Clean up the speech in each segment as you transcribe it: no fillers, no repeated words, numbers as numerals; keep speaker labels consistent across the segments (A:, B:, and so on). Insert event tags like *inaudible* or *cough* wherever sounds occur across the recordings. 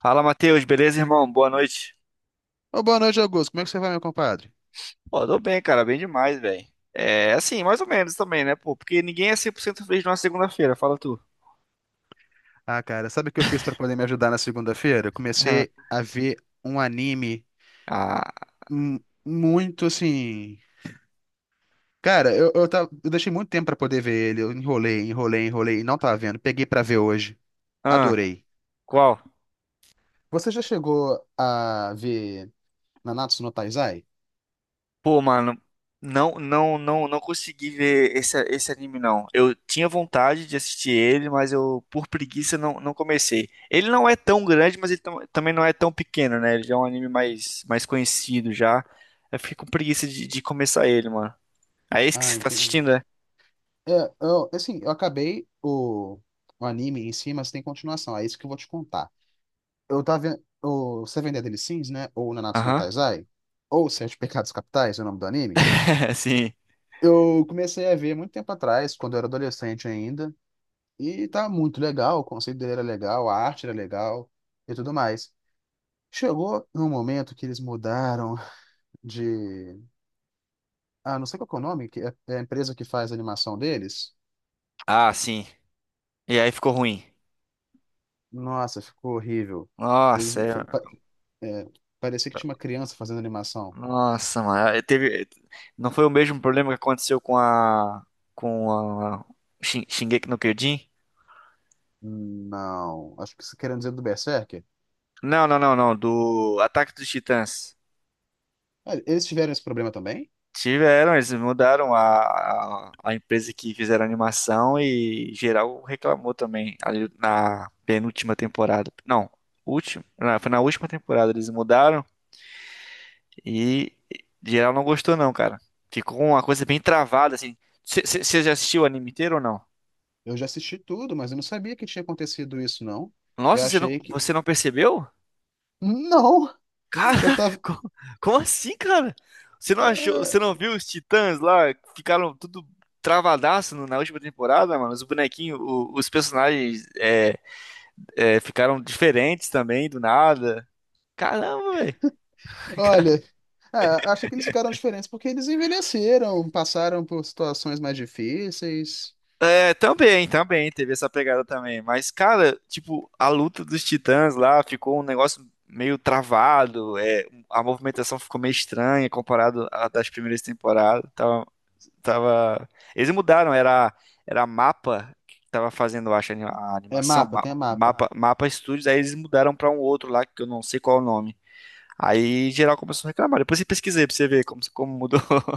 A: Fala, Matheus, beleza, irmão? Boa noite.
B: Ô, boa noite, Augusto. Como é que você vai, meu compadre?
A: Pô, tô bem, cara, bem demais, velho. É, assim, mais ou menos também, né, pô? Porque ninguém é 100% feliz numa segunda-feira, fala tu.
B: Ah, cara, sabe o que eu fiz pra poder me ajudar na segunda-feira? Eu
A: Aham.
B: comecei a ver um anime
A: Ah,
B: muito assim. Cara, eu deixei muito tempo pra poder ver ele. Eu enrolei, enrolei, enrolei e não tava vendo. Peguei pra ver hoje.
A: ah,
B: Adorei.
A: qual?
B: Você já chegou a ver Nanatsu no Taizai?
A: Pô, mano, não, não, não, não consegui ver esse anime, não. Eu tinha vontade de assistir ele, mas eu, por preguiça, não comecei. Ele não é tão grande, mas ele também não é tão pequeno, né? Ele já é um anime mais conhecido já. Eu fiquei com preguiça de começar ele, mano. É esse que
B: Ah,
A: você tá
B: entendi.
A: assistindo, é?
B: É, assim, eu acabei o anime em si, mas tem continuação. É isso que eu vou te contar. Eu tava vendo o Seven Deadly Sins, né? Ou Nanatsu no
A: Aham.
B: Taizai, ou Sete Pecados Capitais, é o nome do anime.
A: É assim.
B: Eu comecei a ver muito tempo atrás, quando eu era adolescente ainda, e tá muito legal, o conceito dele era legal, a arte era legal e tudo mais. Chegou num momento que eles mudaram de. Ah, não sei qual que é o nome, que é a empresa que faz a animação deles.
A: Ah, sim. E aí ficou ruim.
B: Nossa, ficou horrível. Eles.
A: Nossa,
B: Fe- pa-
A: é-
B: é, Parecia que tinha uma criança fazendo animação.
A: nossa, mano. Aí teve... Não foi o mesmo problema que aconteceu com a. Com a. Shingeki no Kyojin?
B: Não, acho que você querendo dizer do Berserker.
A: Não, não, não, não. Do Ataque dos Titãs.
B: Olha, eles tiveram esse problema também?
A: Tiveram, eles mudaram a empresa que fizeram a animação e geral reclamou também ali na penúltima temporada. Não, última, não, foi na última temporada eles mudaram. E geral não gostou não, cara. Ficou uma coisa bem travada, assim. Você já assistiu o anime inteiro ou não?
B: Eu já assisti tudo, mas eu não sabia que tinha acontecido isso, não. Eu
A: Nossa, você não,
B: achei que.
A: você não percebeu?
B: Não!
A: Caraca,
B: Eu
A: *laughs*
B: tava.
A: co- como assim, cara? Você não achou,
B: Ah,
A: você não viu os Titãs lá? Que ficaram tudo travadaço no- na última temporada, mano. Os bonequinhos, o- os personagens ficaram diferentes também, do nada. Caramba, velho. *laughs*
B: olha, acho que eles ficaram diferentes porque eles envelheceram, passaram por situações mais difíceis.
A: É, também, também, teve essa pegada também. Mas, cara, tipo, a luta dos titãs lá ficou um negócio meio travado, é, a movimentação ficou meio estranha comparado à das primeiras temporadas. Tava... Eles mudaram, era mapa que tava fazendo, eu acho, a
B: É
A: animação,
B: mapa, tem a mapa.
A: mapa, mapa Studios, aí eles mudaram pra um outro lá, que eu não sei qual é o nome. Aí geral começou a reclamar. Depois eu pesquisei pra você ver como mudou. *laughs*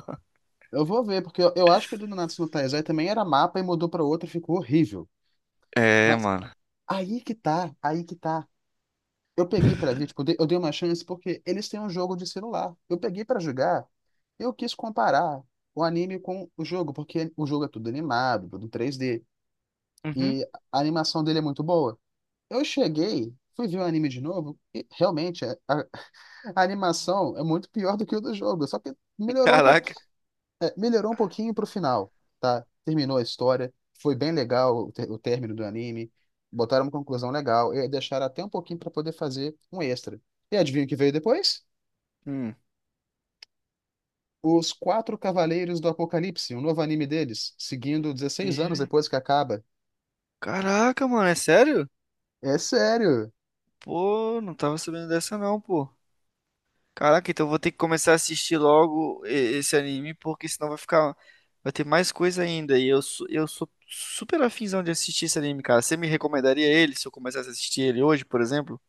B: Eu vou ver, porque eu acho que o do Nanatsu no Taizai também era mapa e mudou pra outra e ficou horrível.
A: É,
B: Mas
A: mano.
B: aí que tá, aí que tá. Eu peguei pra ver, tipo, eu dei uma chance porque eles têm um jogo de celular. Eu peguei pra jogar, eu quis comparar o anime com o jogo, porque o jogo é tudo animado, tudo 3D,
A: Uhum.
B: e a animação dele é muito boa. Eu cheguei, fui ver o anime de novo, e realmente *laughs* a animação é muito pior do que o do jogo, só que
A: Caraca.
B: melhorou um pouquinho pro final, tá? Terminou a história, foi bem legal o término do anime, botaram uma conclusão legal e deixaram até um pouquinho para poder fazer um extra. E adivinha o que veio depois?
A: Hum.
B: Os Quatro Cavaleiros do Apocalipse, um novo anime deles, seguindo 16 anos depois que acaba.
A: Caraca, mano, é sério?
B: É sério.
A: Pô, não tava sabendo dessa não, pô. Caraca, então eu vou ter que começar a assistir logo e- esse anime, porque senão vai ficar. Vai ter mais coisa ainda. E eu sou super afinzão de assistir esse anime, cara. Você me recomendaria ele se eu começasse a assistir ele hoje, por exemplo?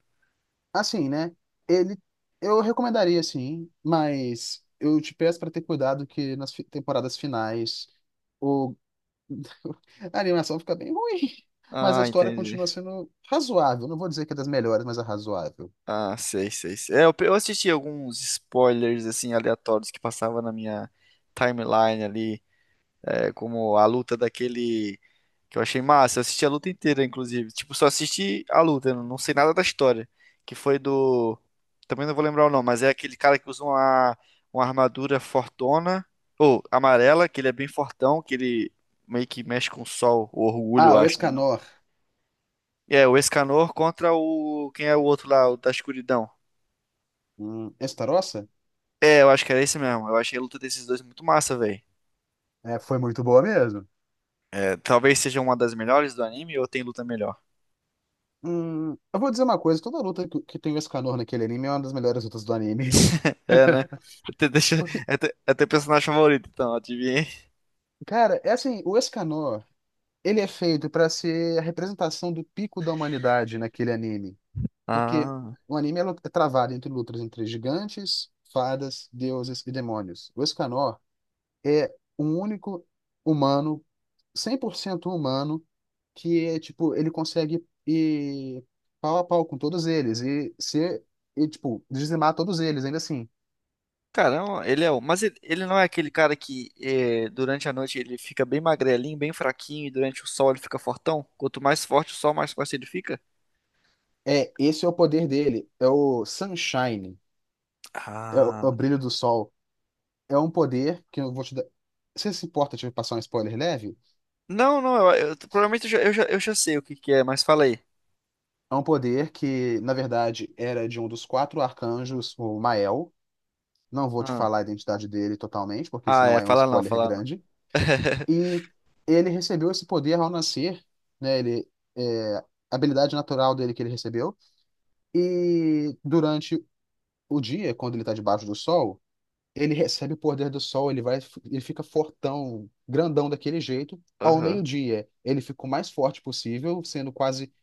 B: Assim, né? Ele, eu recomendaria sim, mas eu te peço para ter cuidado que nas temporadas finais o *laughs* a animação fica bem ruim, mas a
A: Ah,
B: história
A: entendi.
B: continua sendo razoável. Não vou dizer que é das melhores, mas é razoável.
A: Ah, sei, sei, sei. É, eu assisti alguns spoilers, assim, aleatórios que passavam na minha timeline ali. É como a luta daquele que eu achei massa. Eu assisti a luta inteira, inclusive. Tipo, só assisti a luta, eu não sei nada da história. Que foi do. Também não vou lembrar o nome, mas é aquele cara que usa uma, armadura fortona, ou amarela, que ele é bem fortão, que ele meio que mexe com o sol, o orgulho, eu
B: Ah, o
A: acho, né? Não?
B: Escanor,
A: É, o Escanor contra o. Quem é o outro lá, o da escuridão?
B: Estarossa,
A: É, eu acho que era esse mesmo. Eu achei a luta desses dois muito massa, velho.
B: é, foi muito boa mesmo.
A: É, talvez seja uma das melhores do anime ou tem luta melhor?
B: Eu vou dizer uma coisa, toda luta que tem o Escanor naquele anime é uma das melhores lutas do anime.
A: É, né? Até, deixa,
B: *laughs* Porque,
A: até, até personagem favorito, então, adivinha.
B: cara, é assim, o Escanor, ele é feito pra ser a representação do pico da humanidade naquele anime. Porque
A: Ah,
B: o anime é travado entre lutas entre gigantes, fadas, deuses e demônios. O Escanor é um único humano, 100% humano, que é, tipo, ele consegue ir pau a pau com todos eles e ser, e, tipo, dizimar todos eles, ainda assim.
A: caramba, ele é o. Mas ele não é aquele cara que eh, durante a noite ele fica bem magrelinho, bem fraquinho, e durante o sol ele fica fortão? Quanto mais forte o sol, mais forte ele fica?
B: É, esse é o poder dele, é o Sunshine, é o
A: Ah.
B: brilho do sol. É um poder que eu vou te dar. Você se importa de passar um spoiler leve?
A: Não, não, provavelmente eu já sei o que que é, mas fala aí.
B: É um poder que, na verdade, era de um dos quatro arcanjos, o Mael. Não vou te
A: Ah,
B: falar a identidade dele totalmente, porque
A: ah,
B: senão
A: é,
B: aí é um
A: fala não,
B: spoiler
A: fala não.
B: grande.
A: *laughs*
B: E ele recebeu esse poder ao nascer, né? A habilidade natural dele que ele recebeu. E durante o dia, quando ele está debaixo do sol, ele recebe o poder do sol, ele fica fortão, grandão daquele jeito. Ao
A: Aham.
B: meio-dia, ele fica o mais forte possível, sendo quase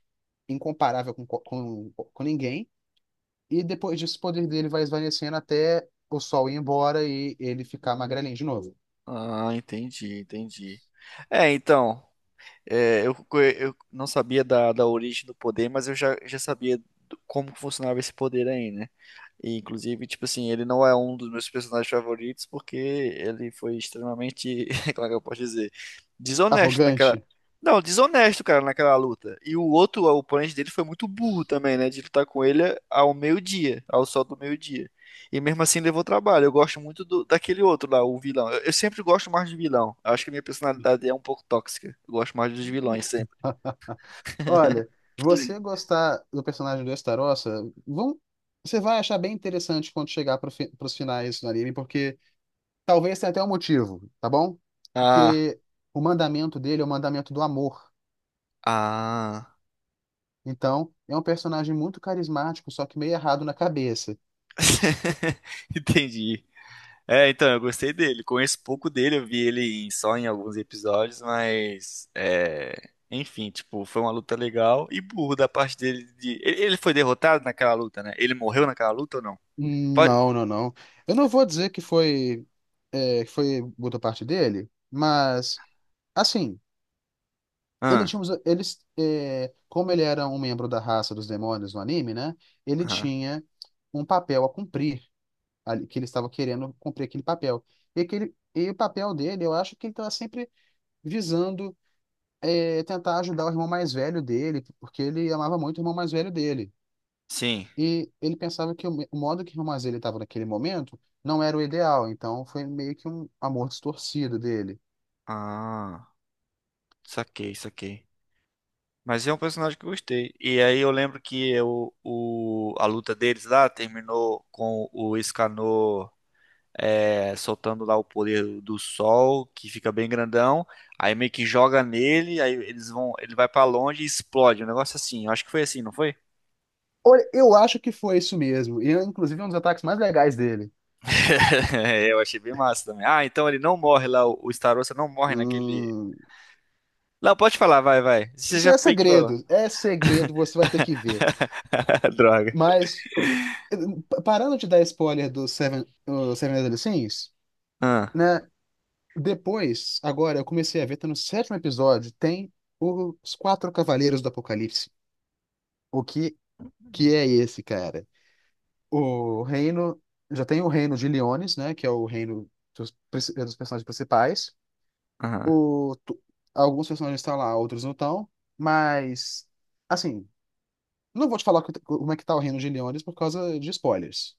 B: incomparável com ninguém. E depois disso, o poder dele vai esvanecendo até o sol ir embora e ele ficar magrelinho de novo.
A: Ah, entendi, entendi. É, então. É, eu não sabia da origem do poder, mas eu já sabia do- como funcionava esse poder aí, né? E, inclusive, tipo assim, ele não é um dos meus personagens favoritos porque ele foi extremamente, *laughs* como é que eu posso dizer? Desonesto naquela.
B: Arrogante.
A: Não, desonesto, cara, naquela luta. E o outro, o oponente dele foi muito burro também, né? De lutar com ele ao meio-dia, ao sol do meio-dia. E mesmo assim levou trabalho. Eu gosto muito do- daquele outro lá, o vilão. Eu sempre gosto mais de vilão. Eu acho que a minha personalidade é um pouco tóxica. Eu gosto mais dos vilões sempre.
B: Olha, você gostar do personagem do Estarossa, vão, você vai achar bem interessante quando chegar pros finais do anime, porque talvez tenha até um motivo, tá bom?
A: Ah,
B: Porque o mandamento dele é o mandamento do amor.
A: ah.
B: Então, é um personagem muito carismático, só que meio errado na cabeça.
A: *laughs* Entendi. É, então, eu gostei dele. Conheço pouco dele, eu vi ele em- só em alguns episódios, mas. É... Enfim, tipo, foi uma luta legal e burro da parte dele de. ele, foi derrotado naquela luta, né? Ele morreu naquela luta ou não? Pode.
B: Não, não, não. Eu não vou dizer que foi boa parte dele, mas, assim. Ele
A: Ah,
B: tinha, os- eles, é, Como ele era um membro da raça dos demônios no anime, né? Ele
A: aham.
B: tinha um papel a cumprir, que ele estava querendo cumprir aquele papel. E, e o papel dele, eu acho que ele estava sempre visando tentar ajudar o irmão mais velho dele, porque ele amava muito o irmão mais velho dele.
A: Sim.
B: E ele pensava que o modo que o irmão mais velho estava naquele momento não era o ideal, então foi meio que um amor distorcido dele.
A: Ah, saquei, saquei. Mas é um personagem que eu gostei. E aí eu lembro que eu, o, a luta deles lá terminou com o Escanor é, soltando lá o poder do sol, que fica bem grandão. Aí meio que joga nele, aí eles vão, ele vai pra longe e explode. Um negócio assim. Eu acho que foi assim, não foi?
B: Olha, eu acho que foi isso mesmo. E, inclusive, um dos ataques mais legais dele.
A: *laughs* Eu achei bem massa também. Ah, então ele não morre lá, o Starosta não morre naquele.
B: Hum,
A: Não, pode falar, vai, vai. Você
B: isso
A: já meio que falou.
B: é segredo, você vai ter que ver.
A: *laughs* Droga.
B: Mas, parando de dar spoiler do Seven, o Seven Deadly Sins,
A: Ah,
B: né? Depois, agora, eu comecei a ver, tá no sétimo episódio, tem os quatro cavaleiros do Apocalipse. O que, que é esse, cara? O reino, já tem o reino de Leones, né? Que é o reino dos personagens principais.
A: ah,
B: O, tu- Alguns personagens estão lá, outros não estão. Mas, assim, não vou te falar como é que tá o Reino de Leones por causa de spoilers.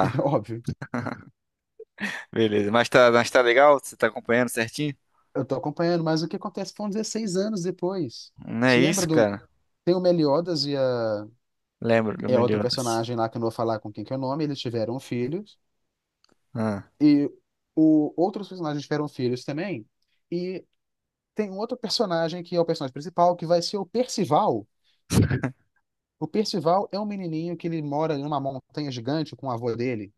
B: *laughs* É óbvio.
A: Beleza. Mas tá legal? Você tá acompanhando certinho?
B: Eu tô acompanhando, mas o que acontece foram 16 anos depois.
A: Não é
B: Você lembra
A: isso,
B: do.
A: cara?
B: Tem o Meliodas e
A: Lembro do
B: é outra
A: Meliodas.
B: personagem lá que eu não vou falar com quem que é o nome, eles tiveram filhos.
A: Ah,
B: E outros personagens tiveram filhos também. E tem um outro personagem que é o personagem principal, que vai ser o Percival. O Percival é um menininho que ele mora numa montanha gigante com o avô dele.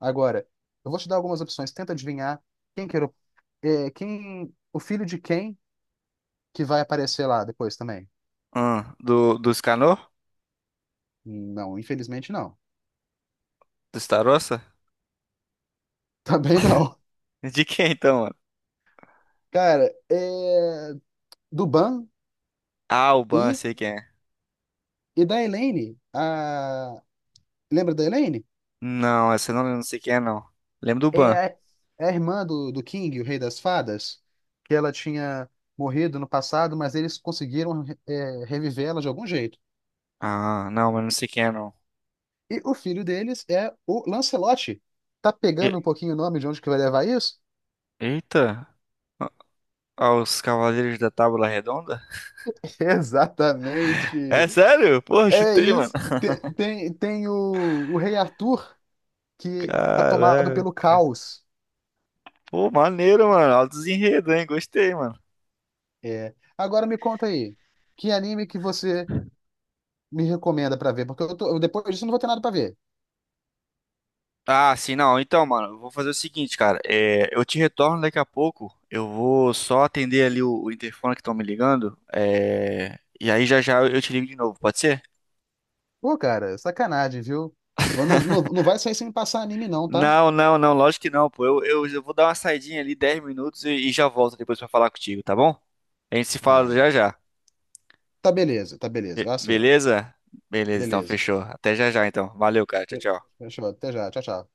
B: Agora, eu vou te dar algumas opções, tenta adivinhar quem que era o É, quem, o filho de quem que vai aparecer lá depois também?
A: ah, do Escanor?
B: Não, infelizmente não. *laughs*
A: Do Starossa?
B: Também não.
A: De quem então, mano?
B: Cara, é, do Ban
A: Ah, o Ban,
B: e,
A: sei quem é.
B: e da Elaine. Lembra da Elaine?
A: Não, essa eu não lembro, não sei quem é, não. Lembro do
B: É
A: Ban.
B: a, é a irmã do King, o Rei das Fadas, que ela tinha morrido no passado, mas eles conseguiram reviver ela de algum jeito.
A: Ah, não, mas não sei quem é, não.
B: E o filho deles é o Lancelote. Tá
A: E-
B: pegando um pouquinho o nome de onde que vai levar isso?
A: eita! Ah, ah, os Cavaleiros da Tábua Redonda?
B: *laughs* Exatamente.
A: É sério? Porra,
B: É
A: chutei, mano.
B: isso. Tem o Rei Arthur que tá tomado
A: Caralho.
B: pelo caos.
A: Pô, maneiro, mano. Altos enredos, hein? Gostei, mano.
B: É. Agora me conta aí, que anime que você me recomenda pra ver? Porque eu depois disso eu não vou ter nada pra ver.
A: Ah, sim, não. Então, mano, eu vou fazer o seguinte, cara. É, eu te retorno daqui a pouco. Eu vou só atender ali o interfone que estão me ligando. É, e aí já já eu te ligo de novo, pode ser?
B: Pô, cara, sacanagem, viu? Eu Não, não, não vai sair sem me passar anime, não, tá?
A: Não, não, não, lógico que não, pô. Eu vou dar uma saidinha ali, 10 minutos, e já volto depois pra falar contigo, tá bom? A gente se fala
B: Ah,
A: já já.
B: tá beleza, eu
A: Be-
B: aceito.
A: beleza? Beleza, então
B: Beleza.
A: fechou. Até já já, então. Valeu, cara. Tchau,
B: Fe-
A: tchau.
B: Fechou, até já, tchau, tchau.